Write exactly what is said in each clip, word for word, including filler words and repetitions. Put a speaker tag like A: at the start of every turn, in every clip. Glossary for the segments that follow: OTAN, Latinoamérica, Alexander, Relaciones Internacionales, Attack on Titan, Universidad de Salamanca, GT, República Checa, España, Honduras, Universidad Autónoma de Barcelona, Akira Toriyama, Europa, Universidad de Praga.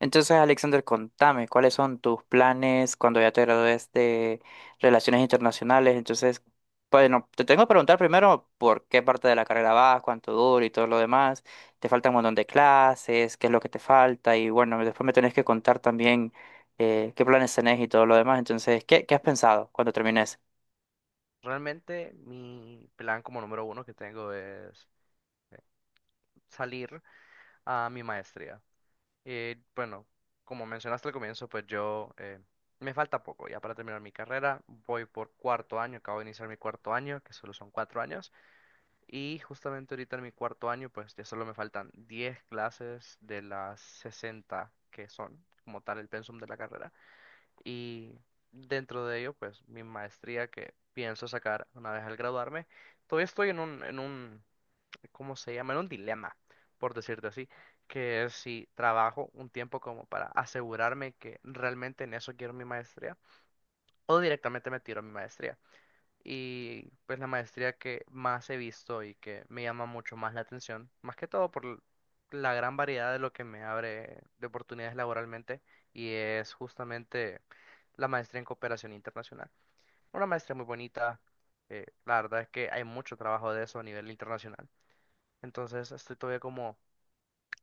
A: Entonces, Alexander, contame, ¿cuáles son tus planes cuando ya te gradúes de Relaciones Internacionales? Entonces, bueno, te tengo que preguntar primero por qué parte de la carrera vas, cuánto dura y todo lo demás. Te falta un montón de clases, qué es lo que te falta y bueno, después me tenés que contar también eh, qué planes tenés y todo lo demás. Entonces, ¿qué, ¿qué has pensado cuando termines?
B: Realmente mi plan como número uno que tengo es salir a mi maestría. Y bueno, como mencionaste al comienzo, pues yo eh, me falta poco ya para terminar mi carrera. Voy por cuarto año, acabo de iniciar mi cuarto año, que solo son cuatro años. Y justamente ahorita en mi cuarto año, pues ya solo me faltan diez clases de las sesenta que son como tal el pensum de la carrera. Y dentro de ello, pues mi maestría que pienso sacar una vez al graduarme, todavía estoy en un, en un, ¿cómo se llama? En un dilema, por decirte así, que es si trabajo un tiempo como para asegurarme que realmente en eso quiero mi maestría o directamente me tiro a mi maestría y pues la maestría que más he visto y que me llama mucho más la atención, más que todo por l- la gran variedad de lo que me abre de oportunidades laboralmente y es justamente la maestría en cooperación internacional. Una maestría muy bonita, eh, la verdad es que hay mucho trabajo de eso a nivel internacional, entonces estoy todavía como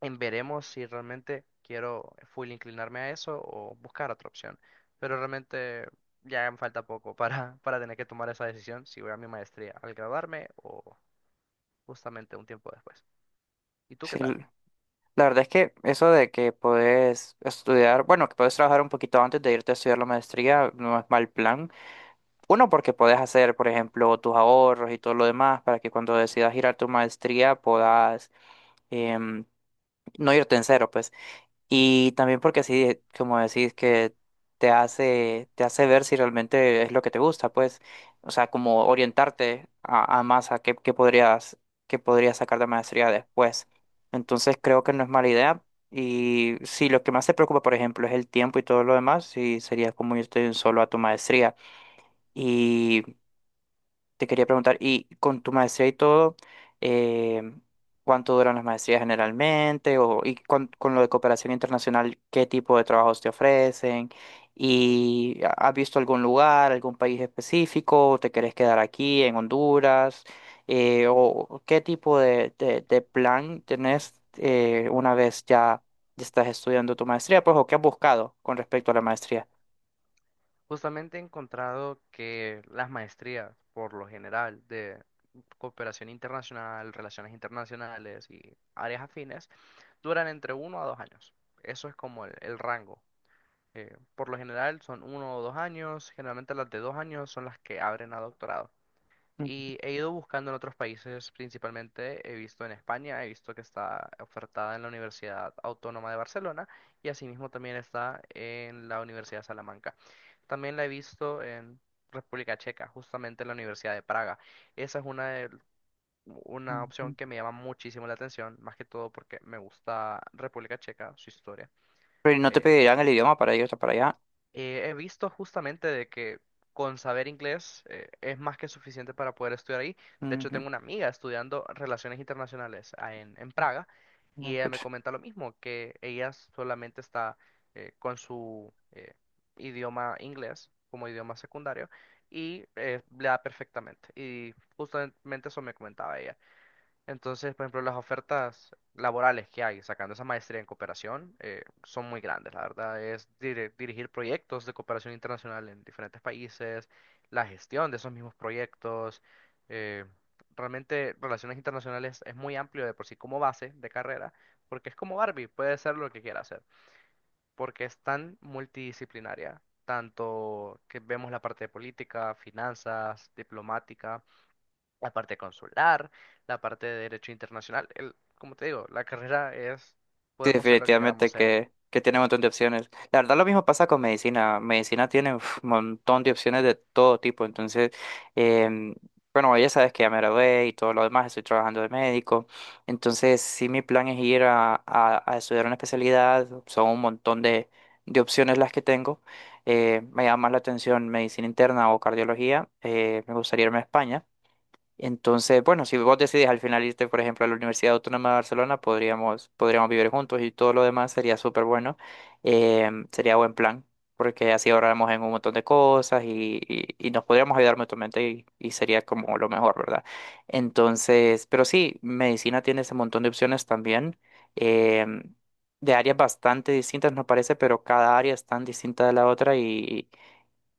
B: en veremos si realmente quiero full inclinarme a eso o buscar otra opción. Pero realmente ya me falta poco para, para tener que tomar esa decisión si voy a mi maestría al graduarme o justamente un tiempo después. ¿Y tú qué
A: Sí,
B: tal?
A: l- la verdad es que eso de que podés estudiar, bueno, que podés trabajar un poquito antes de irte a estudiar la maestría no es mal plan. Uno, porque podés hacer, por ejemplo, tus ahorros y todo lo demás para que cuando decidas girar tu maestría puedas em, no irte en cero, pues. Y también porque así, como decís, que te hace, te hace ver si realmente es lo que te gusta, pues. O sea, como orientarte a, a más a qué, qué podrías, qué podrías sacar de maestría después. Entonces creo que no es mala idea. Y si lo que más te preocupa, por ejemplo, es el tiempo y todo lo demás, sí sería como irte de un solo a tu maestría. Y te quería preguntar, y con tu maestría y todo, eh, ¿cuánto duran las maestrías generalmente? O, y con, con lo de cooperación internacional, ¿qué tipo de trabajos te ofrecen? ¿Y ha- has visto algún lugar, algún país específico? ¿O te querés quedar aquí en Honduras? Eh, ¿o qué tipo de, de- de plan tenés eh, una vez ya estás estudiando tu maestría? Pues, ¿o qué has buscado con respecto a la maestría?
B: Justamente he encontrado que las maestrías, por lo general, de cooperación internacional, relaciones internacionales y áreas afines, duran entre uno a dos años. Eso es como el, el rango. Eh, por lo general son uno o dos años, generalmente las de dos años son las que abren a doctorado.
A: Ujú.
B: Y he ido buscando en otros países, principalmente he visto en España, he visto que está ofertada en la Universidad Autónoma de Barcelona y asimismo también está en la Universidad de Salamanca. También la he visto en República Checa, justamente en la Universidad de Praga. Esa es una, de- una
A: Ujú.
B: opción que me llama muchísimo la atención, más que todo porque me gusta República Checa, su historia.
A: Pero no te
B: eh,
A: pedirán el idioma para irte para allá.
B: Eh, he visto justamente de que con saber inglés eh, es más que suficiente para poder estudiar ahí. De hecho,
A: Ujú.
B: tengo una amiga estudiando relaciones internacionales ah, en, en Praga y
A: No,
B: ella me
A: pues.
B: comenta lo mismo, que ella solamente está eh, con su eh, idioma inglés como idioma secundario y eh, le da perfectamente. Y justamente eso me comentaba ella. Entonces, por ejemplo, las ofertas laborales que hay sacando esa maestría en cooperación eh, son muy grandes, la verdad. Es dire- dirigir proyectos de cooperación internacional en diferentes países, la gestión de esos mismos proyectos. eh, Realmente, relaciones internacionales es muy amplio de por sí como base de carrera, porque es como Barbie, puede ser lo que quiera hacer, porque es tan multidisciplinaria, tanto que vemos la parte de política, finanzas, diplomática, la parte consular, la parte de derecho internacional. El, como te digo, la carrera es,
A: Sí,
B: podemos ser lo que queramos
A: definitivamente
B: ser.
A: que, que tiene un montón de opciones. La verdad, lo mismo pasa con medicina. Medicina tiene un montón de opciones de todo tipo. Entonces, em, bueno, ya sabes que ya me gradué y todo lo demás, estoy trabajando de médico. Entonces, sí, mi plan es ir a, a, a estudiar una especialidad. Son un montón de, de opciones las que tengo. Eh, me llama más la atención medicina interna o cardiología. Eh, me gustaría irme a España. Entonces, bueno, si vos decidís al final irte, por ejemplo, a la Universidad Autónoma de Barcelona, podríamos, podríamos vivir juntos y todo lo demás sería súper bueno. Em, sería buen plan, porque así ahorramos en un montón de cosas y, y- y nos podríamos ayudar mutuamente y, y sería como lo mejor, ¿verdad? Entonces, pero sí, medicina tiene ese montón de opciones también, em, de áreas bastante distintas, nos parece, pero cada área es tan distinta de la otra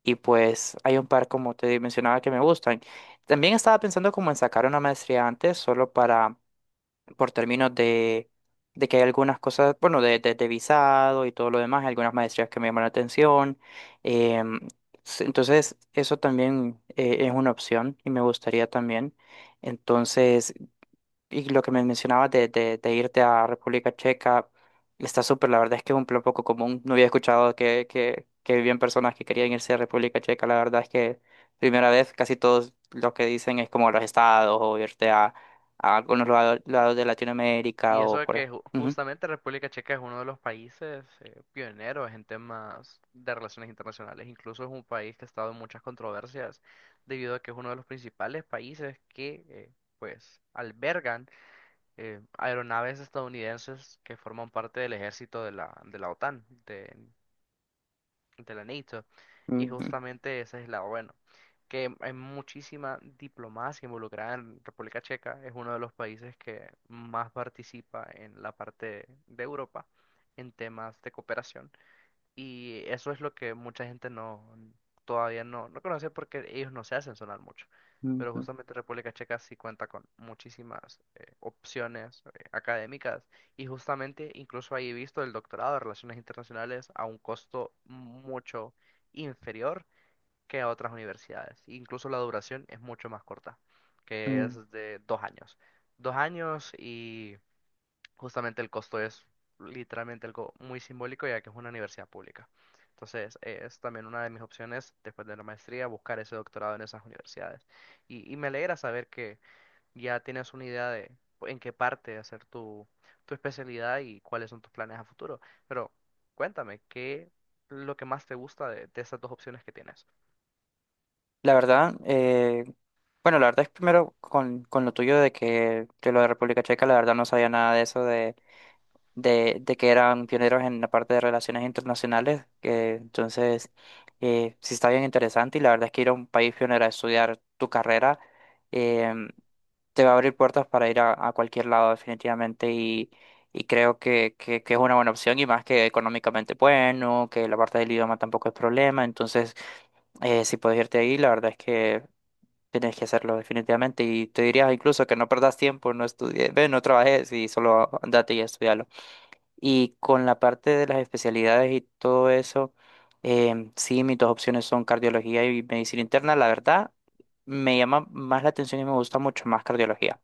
A: y pues hay un par, como te mencionaba, que me gustan. También estaba pensando como en sacar una maestría antes, solo para, por términos de, de que hay algunas cosas, bueno, de, de, de visado y todo lo demás, hay algunas maestrías que me llaman la atención. Em, s- entonces, eso también eh, es una opción y me gustaría también. Entonces, y lo que me mencionabas de, de, de irte a República Checa está súper, la verdad es que es un plan poco común. No había escuchado que, que, que vivían personas que querían irse a República Checa. La verdad es que primera vez casi todos lo que dicen es como los estados o irte a, a algunos lado- lados de Latinoamérica
B: Y eso
A: o
B: de
A: por... ej-
B: que ju-
A: Ujú,
B: justamente República Checa es uno de los países eh, pioneros en temas de relaciones internacionales. Incluso es un país que ha estado en muchas controversias debido a que es uno de los principales países que eh, pues albergan eh, aeronaves estadounidenses que forman parte del ejército de la, de la OTAN, de, de la. Y
A: ujú,
B: justamente ese es el lado bueno, que hay muchísima diplomacia involucrada en República Checa, es uno de los países que más participa en la parte de Europa en temas de cooperación. Y eso es lo que mucha gente no, todavía no, no conoce porque ellos no se hacen sonar mucho. Pero
A: ujú,
B: justamente República Checa sí cuenta con muchísimas eh, opciones eh, académicas y justamente incluso ahí he visto el doctorado de Relaciones Internacionales a un costo mucho inferior que a otras universidades. Incluso la duración es mucho más corta, que
A: ujú.
B: es de dos años. Dos años. Y justamente el costo es literalmente algo muy simbólico ya que es una universidad pública. Entonces, eh, es también una de mis opciones después de la maestría, buscar ese doctorado en esas universidades. Y, y me alegra saber que ya tienes una idea de en qué parte hacer tu, tu especialidad y cuáles son tus planes a futuro. Pero cuéntame, ¿qué es lo que más te gusta de, de esas dos opciones que tienes?
A: La verdad, eh, bueno, la verdad es primero con, con lo tuyo de que de lo de República Checa, la verdad no sabía nada de eso de, de que eran pioneros en la parte de relaciones internacionales, que entonces eh, sí está bien interesante y la verdad es que ir a un país pionero a estudiar tu carrera em, te va a abrir puertas para ir a, a cualquier lado definitivamente y, y creo que, que, que es una buena opción y más que económicamente bueno, que la parte del idioma tampoco es problema, entonces eh, si puedes irte ahí, la verdad es que... Tienes que hacerlo definitivamente y te diría incluso que no perdas tiempo, no estudies, ve, no trabajes y solo andate y estudialo. Y con la parte de las especialidades y todo eso, em, sí, mis dos opciones son cardiología y medicina interna. La verdad, me llama más la atención y me gusta mucho más cardiología.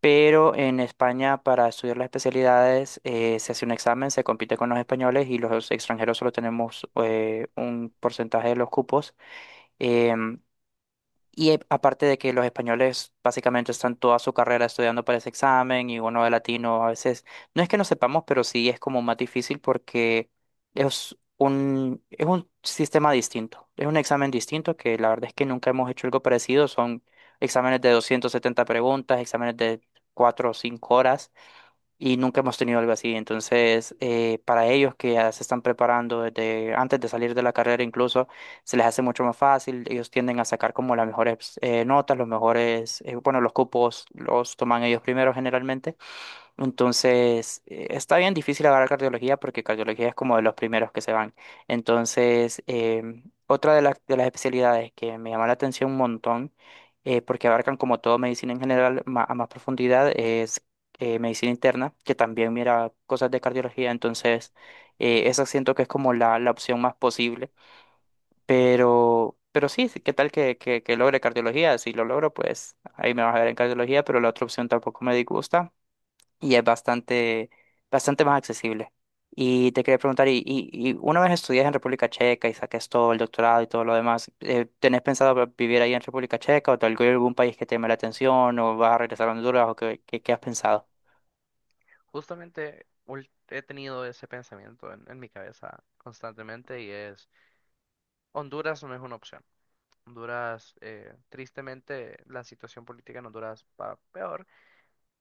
A: Pero en España, para estudiar las especialidades, eh, se hace un examen, se compite con los españoles y los extranjeros solo tenemos eh, un porcentaje de los cupos. Em, y eh, aparte de que los españoles básicamente están toda su carrera estudiando para ese examen y uno de latino a veces, no es que no sepamos, pero sí es como más difícil porque es un, es un sistema distinto, es un examen distinto que la verdad es que nunca hemos hecho algo parecido, son exámenes de doscientas setenta preguntas, exámenes de cuatro o cinco horas y nunca hemos tenido algo así. Entonces, eh, para ellos que ya se están preparando desde antes de salir de la carrera, incluso se les hace mucho más fácil. Ellos tienden a sacar como las mejores eh, notas, los mejores, eh, bueno, los cupos los toman ellos primero generalmente. Entonces, eh, está bien difícil agarrar cardiología porque cardiología es como de los primeros que se van. Entonces, em, otra de las, de las especialidades que me llama la atención un montón, eh, porque abarcan como todo medicina en general ma- a más profundidad, es eh, medicina interna, que también mira cosas de cardiología. Entonces, eh, esa siento que es como la, la opción más posible. Pero, pero sí, sí, ¿qué tal que, que, que logre cardiología? Si lo logro, pues ahí me vas a ver en cardiología, pero la otra opción tampoco me disgusta y es bastante, bastante más accesible. Y te quería preguntar, y, y, y una vez estudias en República Checa y saques todo el doctorado y todo lo demás, eh, ¿tenés pensado va- vivir ahí en República Checa o te algo- algún país que te llame la atención o vas a regresar a Honduras o qué, qué, qué has pensado?
B: Justamente ul- he tenido ese pensamiento en en mi cabeza constantemente y es, Honduras no es una opción. Honduras, eh, tristemente, la situación política en Honduras va peor.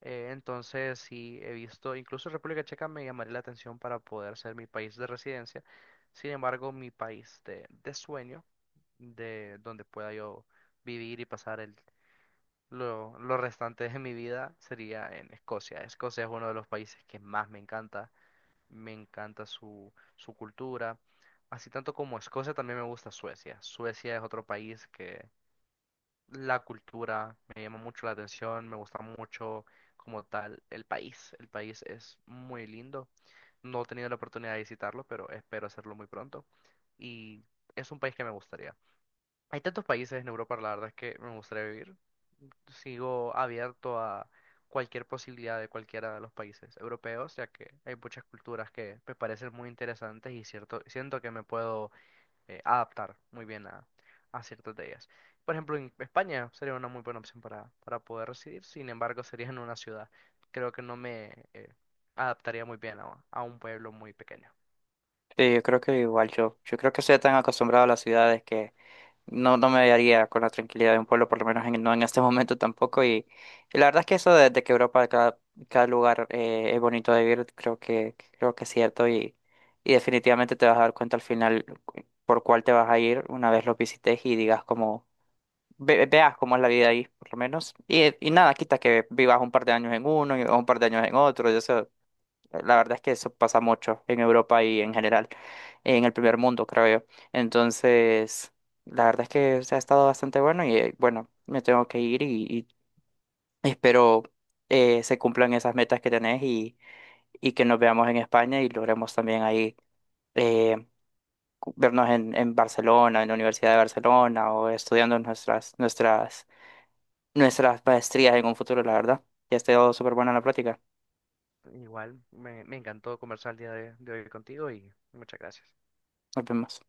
B: Eh, entonces, sí he visto, incluso República Checa me llamaría la atención para poder ser mi país de residencia. Sin embargo, mi país de, de sueño, de donde pueda yo vivir y pasar el, lo, lo restante de mi vida, sería en Escocia. Escocia es uno de los países que más me encanta. Me encanta su, su cultura. Así tanto como Escocia, también me gusta Suecia. Suecia es otro país que la cultura me llama mucho la atención, me gusta mucho como tal el país. El país es muy lindo. No he tenido la oportunidad de visitarlo, pero espero hacerlo muy pronto. Y es un país que me gustaría. Hay tantos países en Europa, la verdad es que me gustaría vivir. Sigo abierto a cualquier posibilidad de cualquiera de los países europeos, ya que hay muchas culturas que me parecen muy interesantes y cierto, siento que me puedo eh, adaptar muy bien a, a ciertas de ellas. Por ejemplo, en España sería una muy buena opción para, para poder residir, sin embargo, sería en una ciudad. Creo que no me eh, adaptaría muy bien a, a un pueblo muy pequeño.
A: Sí, yo creo que igual yo, yo creo que estoy tan acostumbrado a las ciudades que no, no me haría con la tranquilidad de un pueblo, por lo menos en- no en este momento tampoco. Y, y la verdad es que eso de, de que Europa, cada, cada lugar eh, es bonito de vivir, creo que, creo que es cierto. Y, y definitivamente te vas a dar cuenta al final cu- por cuál te vas a ir una vez lo visites y digas como, ve- veas cómo es la vida ahí, por lo menos. Y, y nada, quita que vivas un par de años en uno y o un par de años en otro. La verdad es que eso pasa mucho en Europa y en general, en el primer mundo, creo yo. Entonces, la verdad es que se ha estado bastante bueno y eh, bueno, me tengo que ir y, y espero eh, se cumplan esas metas que tenés y, y que nos veamos en España y logremos también ahí eh, cu- vernos en, en Barcelona, en la Universidad de Barcelona o estudiando nuestras, nuestras, nuestras maestrías en un futuro, la verdad. Ya ha estado súper buena la plática.
B: Igual, me, me encantó conversar el día de de hoy contigo y muchas gracias.
A: Nos vemos.